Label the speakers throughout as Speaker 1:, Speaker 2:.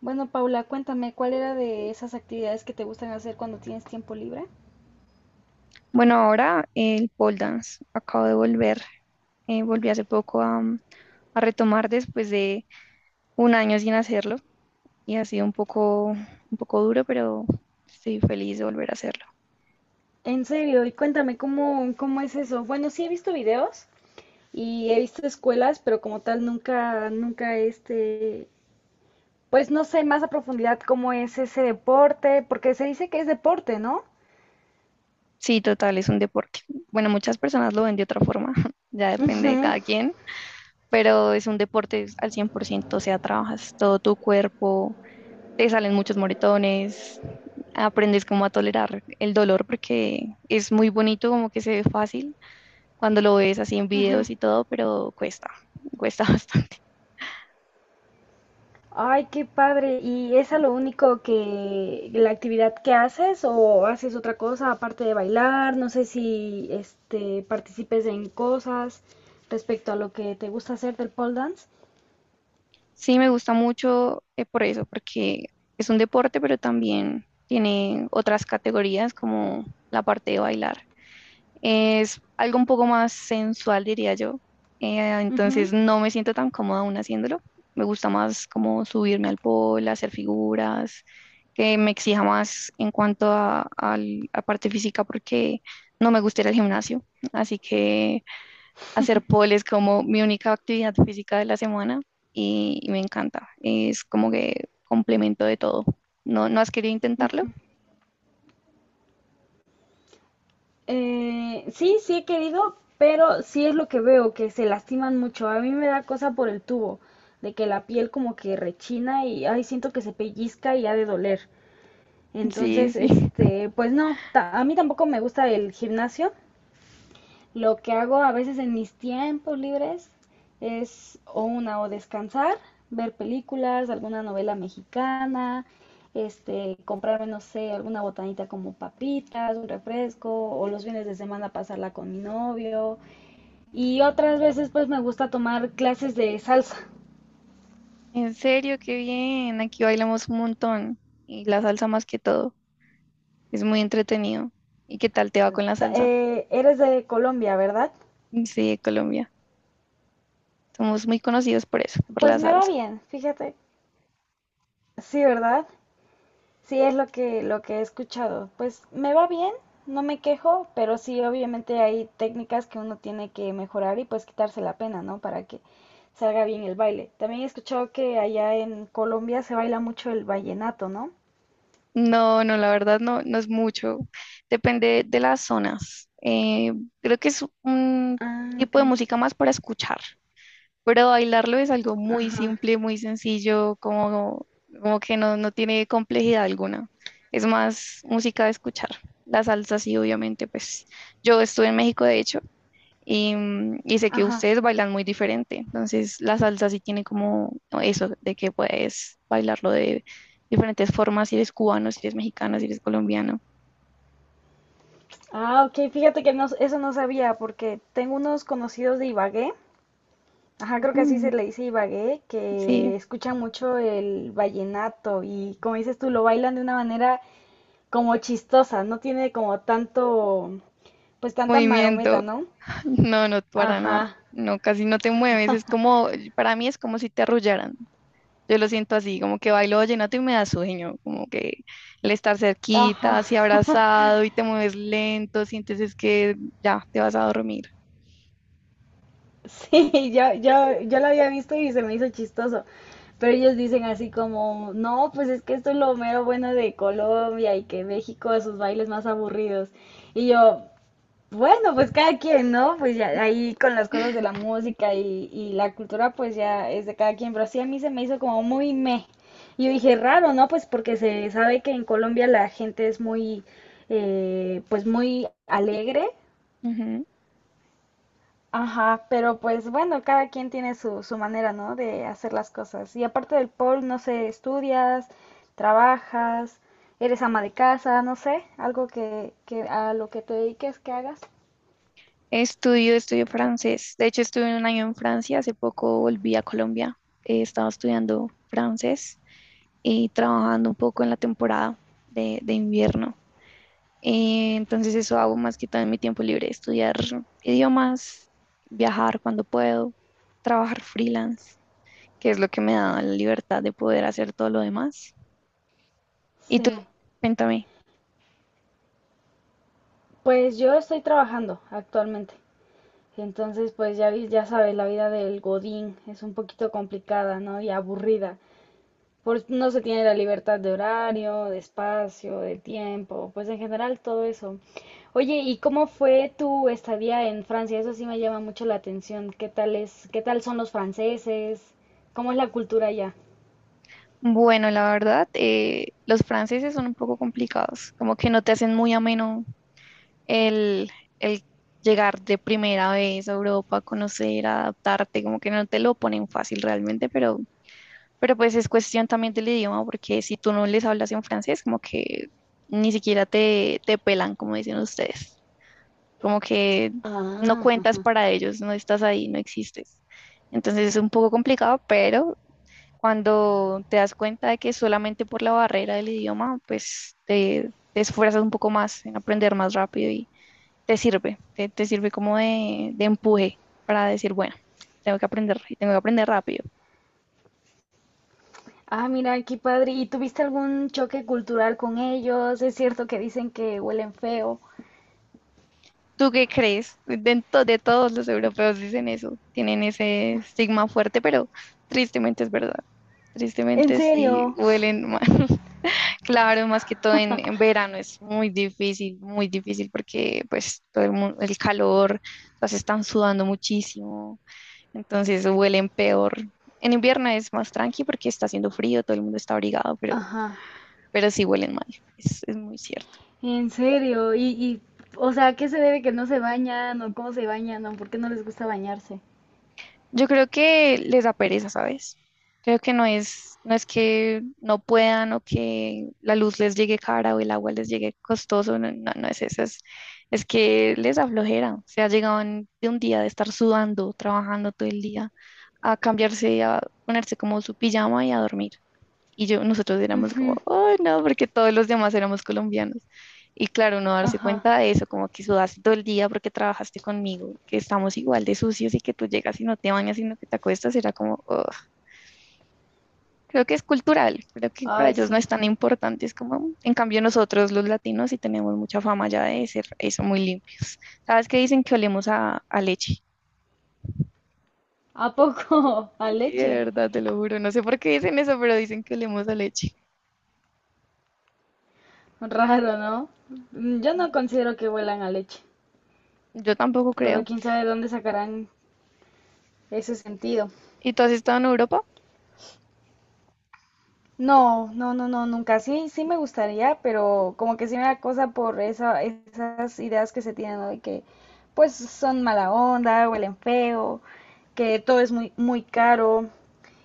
Speaker 1: Bueno, Paula, cuéntame, ¿cuál era de esas actividades que te gustan hacer cuando tienes tiempo libre?
Speaker 2: Bueno, ahora el pole dance. Acabo de volver. Volví hace poco a retomar después de un año sin hacerlo y ha sido un poco duro, pero estoy feliz de volver a hacerlo.
Speaker 1: En serio, y cuéntame, ¿cómo es eso? Bueno, sí he visto videos y he visto escuelas, pero como tal nunca pues no sé más a profundidad cómo es ese deporte, porque se dice que es deporte, ¿no?
Speaker 2: Sí, total, es un deporte. Bueno, muchas personas lo ven de otra forma, ya depende de
Speaker 1: Ujú,
Speaker 2: cada quien, pero es un deporte al 100%, o sea, trabajas todo tu cuerpo, te salen muchos moretones, aprendes cómo a tolerar el dolor porque es muy bonito, como que se ve fácil cuando lo ves así en
Speaker 1: ujú.
Speaker 2: videos y todo, pero cuesta, cuesta bastante.
Speaker 1: Ay, qué padre. ¿Y es a lo único que la actividad que haces o haces otra cosa aparte de bailar? No sé si participes en cosas respecto a lo que te gusta hacer del pole dance.
Speaker 2: Sí, me gusta mucho por eso, porque es un deporte, pero también tiene otras categorías como la parte de bailar. Es algo un poco más sensual, diría yo.
Speaker 1: Ujú.
Speaker 2: Entonces no me siento tan cómoda aún haciéndolo. Me gusta más como subirme al pole, hacer figuras, que me exija más en cuanto a parte física, porque no me gusta ir al gimnasio. Así que hacer pole es como mi única actividad física de la semana y me encanta. Es como que complemento de todo. ¿No, no has querido intentarlo?
Speaker 1: Sí, sí he querido, pero sí es lo que veo, que se lastiman mucho. A mí me da cosa por el tubo, de que la piel como que rechina y ay, siento que se pellizca y ha de doler.
Speaker 2: Sí,
Speaker 1: Entonces,
Speaker 2: sí.
Speaker 1: pues no, a mí tampoco me gusta el gimnasio. Lo que hago a veces en mis tiempos libres es o una o descansar, ver películas, alguna novela mexicana, comprarme, no sé, alguna botanita como papitas, un refresco, o los fines de semana pasarla con mi novio. Y otras veces pues me gusta tomar clases de salsa.
Speaker 2: En serio, qué bien. Aquí bailamos un montón y la salsa más que todo. Es muy entretenido. ¿Y qué tal te va con la salsa?
Speaker 1: ¿Eres de Colombia, verdad?
Speaker 2: Sí, Colombia. Somos muy conocidos por eso, por la
Speaker 1: Pues me va
Speaker 2: salsa.
Speaker 1: bien, fíjate. Sí, ¿verdad? Sí, es lo que he escuchado. Pues me va bien, no me quejo, pero sí, obviamente hay técnicas que uno tiene que mejorar y pues quitarse la pena, ¿no? Para que salga bien el baile. También he escuchado que allá en Colombia se baila mucho el vallenato, ¿no?
Speaker 2: No, no, la verdad no, no es mucho. Depende de las zonas. Creo que es un
Speaker 1: Ah,
Speaker 2: tipo
Speaker 1: ok.
Speaker 2: de música más para escuchar. Pero bailarlo es algo muy
Speaker 1: Ajá.
Speaker 2: simple, muy sencillo, como, como que no, no tiene complejidad alguna. Es más música de escuchar. La salsa sí, obviamente, pues yo estuve en México, de hecho, y sé que
Speaker 1: Ajá.
Speaker 2: ustedes bailan muy diferente. Entonces, la salsa sí tiene como eso, de que puedes bailarlo de diferentes formas, si eres cubano, si eres mexicano, si eres colombiano.
Speaker 1: Ah, ok, fíjate que no, eso no sabía porque tengo unos conocidos de Ibagué, ajá, creo que así
Speaker 2: Mm,
Speaker 1: se le dice Ibagué, que
Speaker 2: sí,
Speaker 1: escuchan mucho el vallenato y como dices tú, lo bailan de una manera como chistosa, no tiene como tanto, pues tanta marometa,
Speaker 2: movimiento.
Speaker 1: ¿no?
Speaker 2: No, no, para nada.
Speaker 1: Ajá,
Speaker 2: No, casi no te mueves. Es como, para mí es como si te arrullaran. Yo lo siento así, como que bailo vallenato y me da sueño, como que el estar
Speaker 1: ajá.
Speaker 2: cerquita, así abrazado y te mueves lento, sientes es que ya te vas a dormir.
Speaker 1: Sí, yo lo había visto y se me hizo chistoso. Pero ellos dicen así como, no, pues es que esto es lo mero bueno de Colombia y que México sus bailes más aburridos. Y yo, bueno, pues cada quien, ¿no? Pues ya ahí con las cosas de la música y la cultura, pues ya es de cada quien. Pero sí a mí se me hizo como muy meh. Y yo dije, raro, ¿no? Pues porque se sabe que en Colombia la gente es pues muy alegre.
Speaker 2: Ujú.
Speaker 1: Ajá, pero pues bueno, cada quien tiene su manera, ¿no? De hacer las cosas. Y aparte del pol, no sé, estudias, trabajas, eres ama de casa, no sé, algo que a lo que te dediques que hagas.
Speaker 2: Estudio, estudio francés. De hecho, estuve un año en Francia, hace poco volví a Colombia. Estaba estudiando francés y trabajando un poco en la temporada de invierno. Entonces eso hago más que todo en mi tiempo libre, estudiar idiomas, viajar cuando puedo, trabajar freelance, que es lo que me da la libertad de poder hacer todo lo demás. ¿Y tú?
Speaker 1: Sí.
Speaker 2: Cuéntame.
Speaker 1: Pues yo estoy trabajando actualmente. Entonces, pues ya, ya sabes, la vida del Godín es un poquito complicada, ¿no? Y aburrida. Por, no se tiene la libertad de horario, de espacio, de tiempo, pues en general todo eso. Oye, ¿y cómo fue tu estadía en Francia? Eso sí me llama mucho la atención. ¿Qué tal es, qué tal son los franceses? ¿Cómo es la cultura allá?
Speaker 2: Bueno, la verdad, los franceses son un poco complicados, como que no te hacen muy ameno el, el llegar de primera vez a Europa, conocer, adaptarte, como que no te lo ponen fácil realmente, pero, pues es cuestión también del idioma, porque si tú no les hablas en francés, como que ni siquiera te pelan, como dicen ustedes. Como que no
Speaker 1: Ah,
Speaker 2: cuentas
Speaker 1: ajá.
Speaker 2: para ellos, no estás ahí, no existes. Entonces es un poco complicado, pero cuando te das cuenta de que solamente por la barrera del idioma, pues te esfuerzas un poco más en aprender más rápido y te sirve como de empuje para decir, bueno, tengo que aprender y tengo que aprender rápido.
Speaker 1: Ah, mira, qué padre. ¿Y tuviste algún choque cultural con ellos? Es cierto que dicen que huelen feo.
Speaker 2: ¿Tú qué crees? De todos los europeos dicen eso, tienen ese estigma fuerte, pero tristemente es verdad.
Speaker 1: En
Speaker 2: Tristemente sí
Speaker 1: serio,
Speaker 2: huelen mal. Claro, más que todo en verano es muy difícil porque pues todo el calor, las están sudando muchísimo, entonces huelen peor. En invierno es más tranqui porque está haciendo frío, todo el mundo está abrigado, pero,
Speaker 1: ajá,
Speaker 2: pero sí huelen mal, es muy cierto.
Speaker 1: en serio. O sea, ¿a qué se debe que no se bañan o cómo se bañan o por qué no les gusta bañarse?
Speaker 2: Yo creo que les da pereza, ¿sabes? Creo que no es que no puedan o que la luz les llegue cara o el agua les llegue costoso, no, no, no es eso, es que les da flojera. O sea, llegaban de un día de estar sudando, trabajando todo el día, a cambiarse, a ponerse como su pijama y a dormir. Y yo, nosotros éramos como,
Speaker 1: Ujú,
Speaker 2: oh, no, porque todos los demás éramos colombianos. Y claro, uno darse
Speaker 1: ajá.
Speaker 2: cuenta de eso, como que sudaste todo el día porque trabajaste conmigo, que estamos igual de sucios y que tú llegas y no te bañas, sino que te acuestas, era como, "Ugh". Creo que es cultural, creo que para
Speaker 1: Ay,
Speaker 2: ellos no
Speaker 1: sí.
Speaker 2: es tan importante, es como, "Mm". En cambio nosotros los latinos sí tenemos mucha fama ya de ser eso muy limpio. ¿Sabes qué dicen que olemos a leche?
Speaker 1: ¿A poco? A
Speaker 2: Sí, de
Speaker 1: leche.
Speaker 2: verdad, te lo juro, no sé por qué dicen eso, pero dicen que olemos a leche.
Speaker 1: Raro, ¿no? Mm, yo no considero que huelan a leche,
Speaker 2: Yo tampoco
Speaker 1: pero
Speaker 2: creo.
Speaker 1: quién sabe dónde sacarán ese sentido.
Speaker 2: ¿Y tú has estado en Europa?
Speaker 1: No, no, no, no, nunca. Sí, sí me gustaría, pero como que sí me da cosa por esas ideas que se tienen, ¿no? De que pues son mala onda, huelen feo, que todo es muy caro.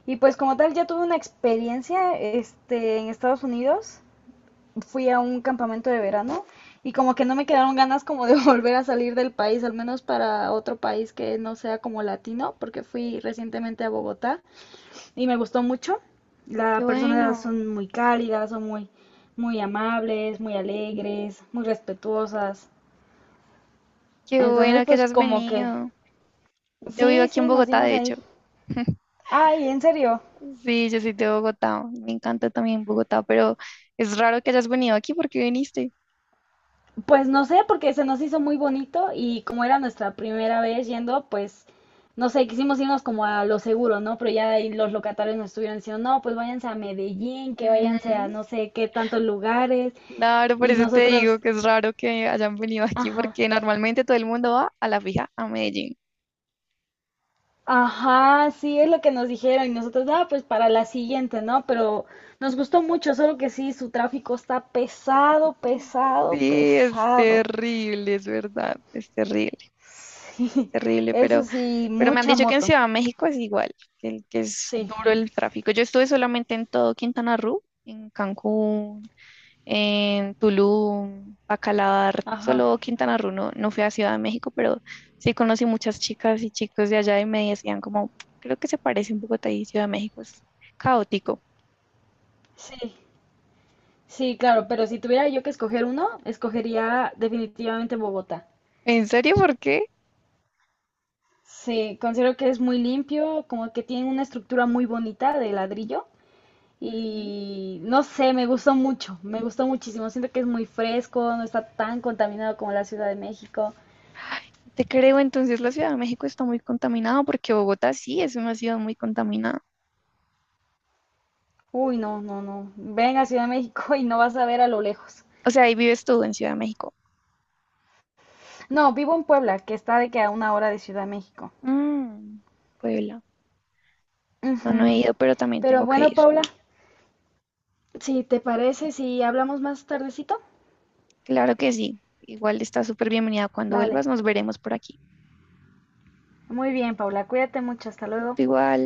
Speaker 1: Y pues como tal, ya tuve una experiencia, en Estados Unidos. Fui a un campamento de verano y como que no me quedaron ganas como de volver a salir del país, al menos para otro país que no sea como latino, porque fui recientemente a Bogotá y me gustó mucho.
Speaker 2: Qué
Speaker 1: Las personas son
Speaker 2: bueno.
Speaker 1: muy cálidas, muy amables, muy alegres, muy respetuosas.
Speaker 2: Qué
Speaker 1: Entonces,
Speaker 2: bueno que
Speaker 1: pues
Speaker 2: hayas
Speaker 1: como que
Speaker 2: venido. Yo vivo
Speaker 1: sí,
Speaker 2: aquí en
Speaker 1: sí, nos
Speaker 2: Bogotá,
Speaker 1: dimos
Speaker 2: de hecho.
Speaker 1: ahí. Ay, en serio.
Speaker 2: Sí, yo soy de Bogotá. Me encanta también Bogotá, pero es raro que hayas venido aquí porque viniste.
Speaker 1: Pues no sé, porque se nos hizo muy bonito y como era nuestra primera vez yendo, pues no sé, quisimos irnos como a lo seguro, ¿no? Pero ya ahí los locatarios nos estuvieron diciendo, no, pues váyanse a Medellín, que váyanse a
Speaker 2: Ujú.
Speaker 1: no sé qué tantos lugares.
Speaker 2: Claro, por
Speaker 1: Y
Speaker 2: eso te
Speaker 1: nosotros,
Speaker 2: digo que es raro que hayan venido aquí
Speaker 1: ajá,
Speaker 2: porque normalmente todo el mundo va a la fija a Medellín.
Speaker 1: ajá, sí, es lo que nos dijeron y nosotros, ah, pues para la siguiente, ¿no? Pero nos gustó mucho, solo que sí, su tráfico está pesado, pesado,
Speaker 2: Sí, es
Speaker 1: pesado.
Speaker 2: terrible, es verdad, es
Speaker 1: Sí,
Speaker 2: terrible,
Speaker 1: eso sí,
Speaker 2: pero me han
Speaker 1: mucha
Speaker 2: dicho que en
Speaker 1: moto.
Speaker 2: Ciudad de México es igual, que es
Speaker 1: Sí,
Speaker 2: duro el tráfico. Yo estuve solamente en todo Quintana Roo, en Cancún, en Tulum, Bacalar,
Speaker 1: ajá,
Speaker 2: solo Quintana Roo, no, no fui a Ciudad de México, pero sí conocí muchas chicas y chicos de allá y me decían como, creo que se parece un poco a y Ciudad de México es caótico.
Speaker 1: sí, sí, claro, pero si tuviera yo que escoger uno, escogería definitivamente Bogotá.
Speaker 2: ¿En serio? ¿Por qué?
Speaker 1: Sí, considero que es muy limpio, como que tiene una estructura muy bonita de ladrillo.
Speaker 2: Ujú.
Speaker 1: Y no sé, me gustó mucho, me gustó muchísimo. Siento que es muy fresco, no está tan contaminado como la Ciudad de México.
Speaker 2: Te creo, entonces la Ciudad de México está muy contaminada porque Bogotá sí es una ciudad muy contaminada.
Speaker 1: Uy, no, no, no. Ven a Ciudad de México y no vas a ver a lo lejos.
Speaker 2: O sea, ahí vives tú en Ciudad de México.
Speaker 1: No, vivo en Puebla, que está de que a una hora de Ciudad de México.
Speaker 2: Mm, Puebla. No, no he
Speaker 1: Ujú.
Speaker 2: ido, pero también
Speaker 1: Pero
Speaker 2: tengo que
Speaker 1: bueno,
Speaker 2: ir.
Speaker 1: Paula, si te parece, si hablamos más tardecito.
Speaker 2: Claro que sí. Igual está súper bienvenida. Cuando
Speaker 1: Vale.
Speaker 2: vuelvas, nos veremos por aquí.
Speaker 1: Muy bien, Paula, cuídate mucho, hasta luego.
Speaker 2: Tú igual.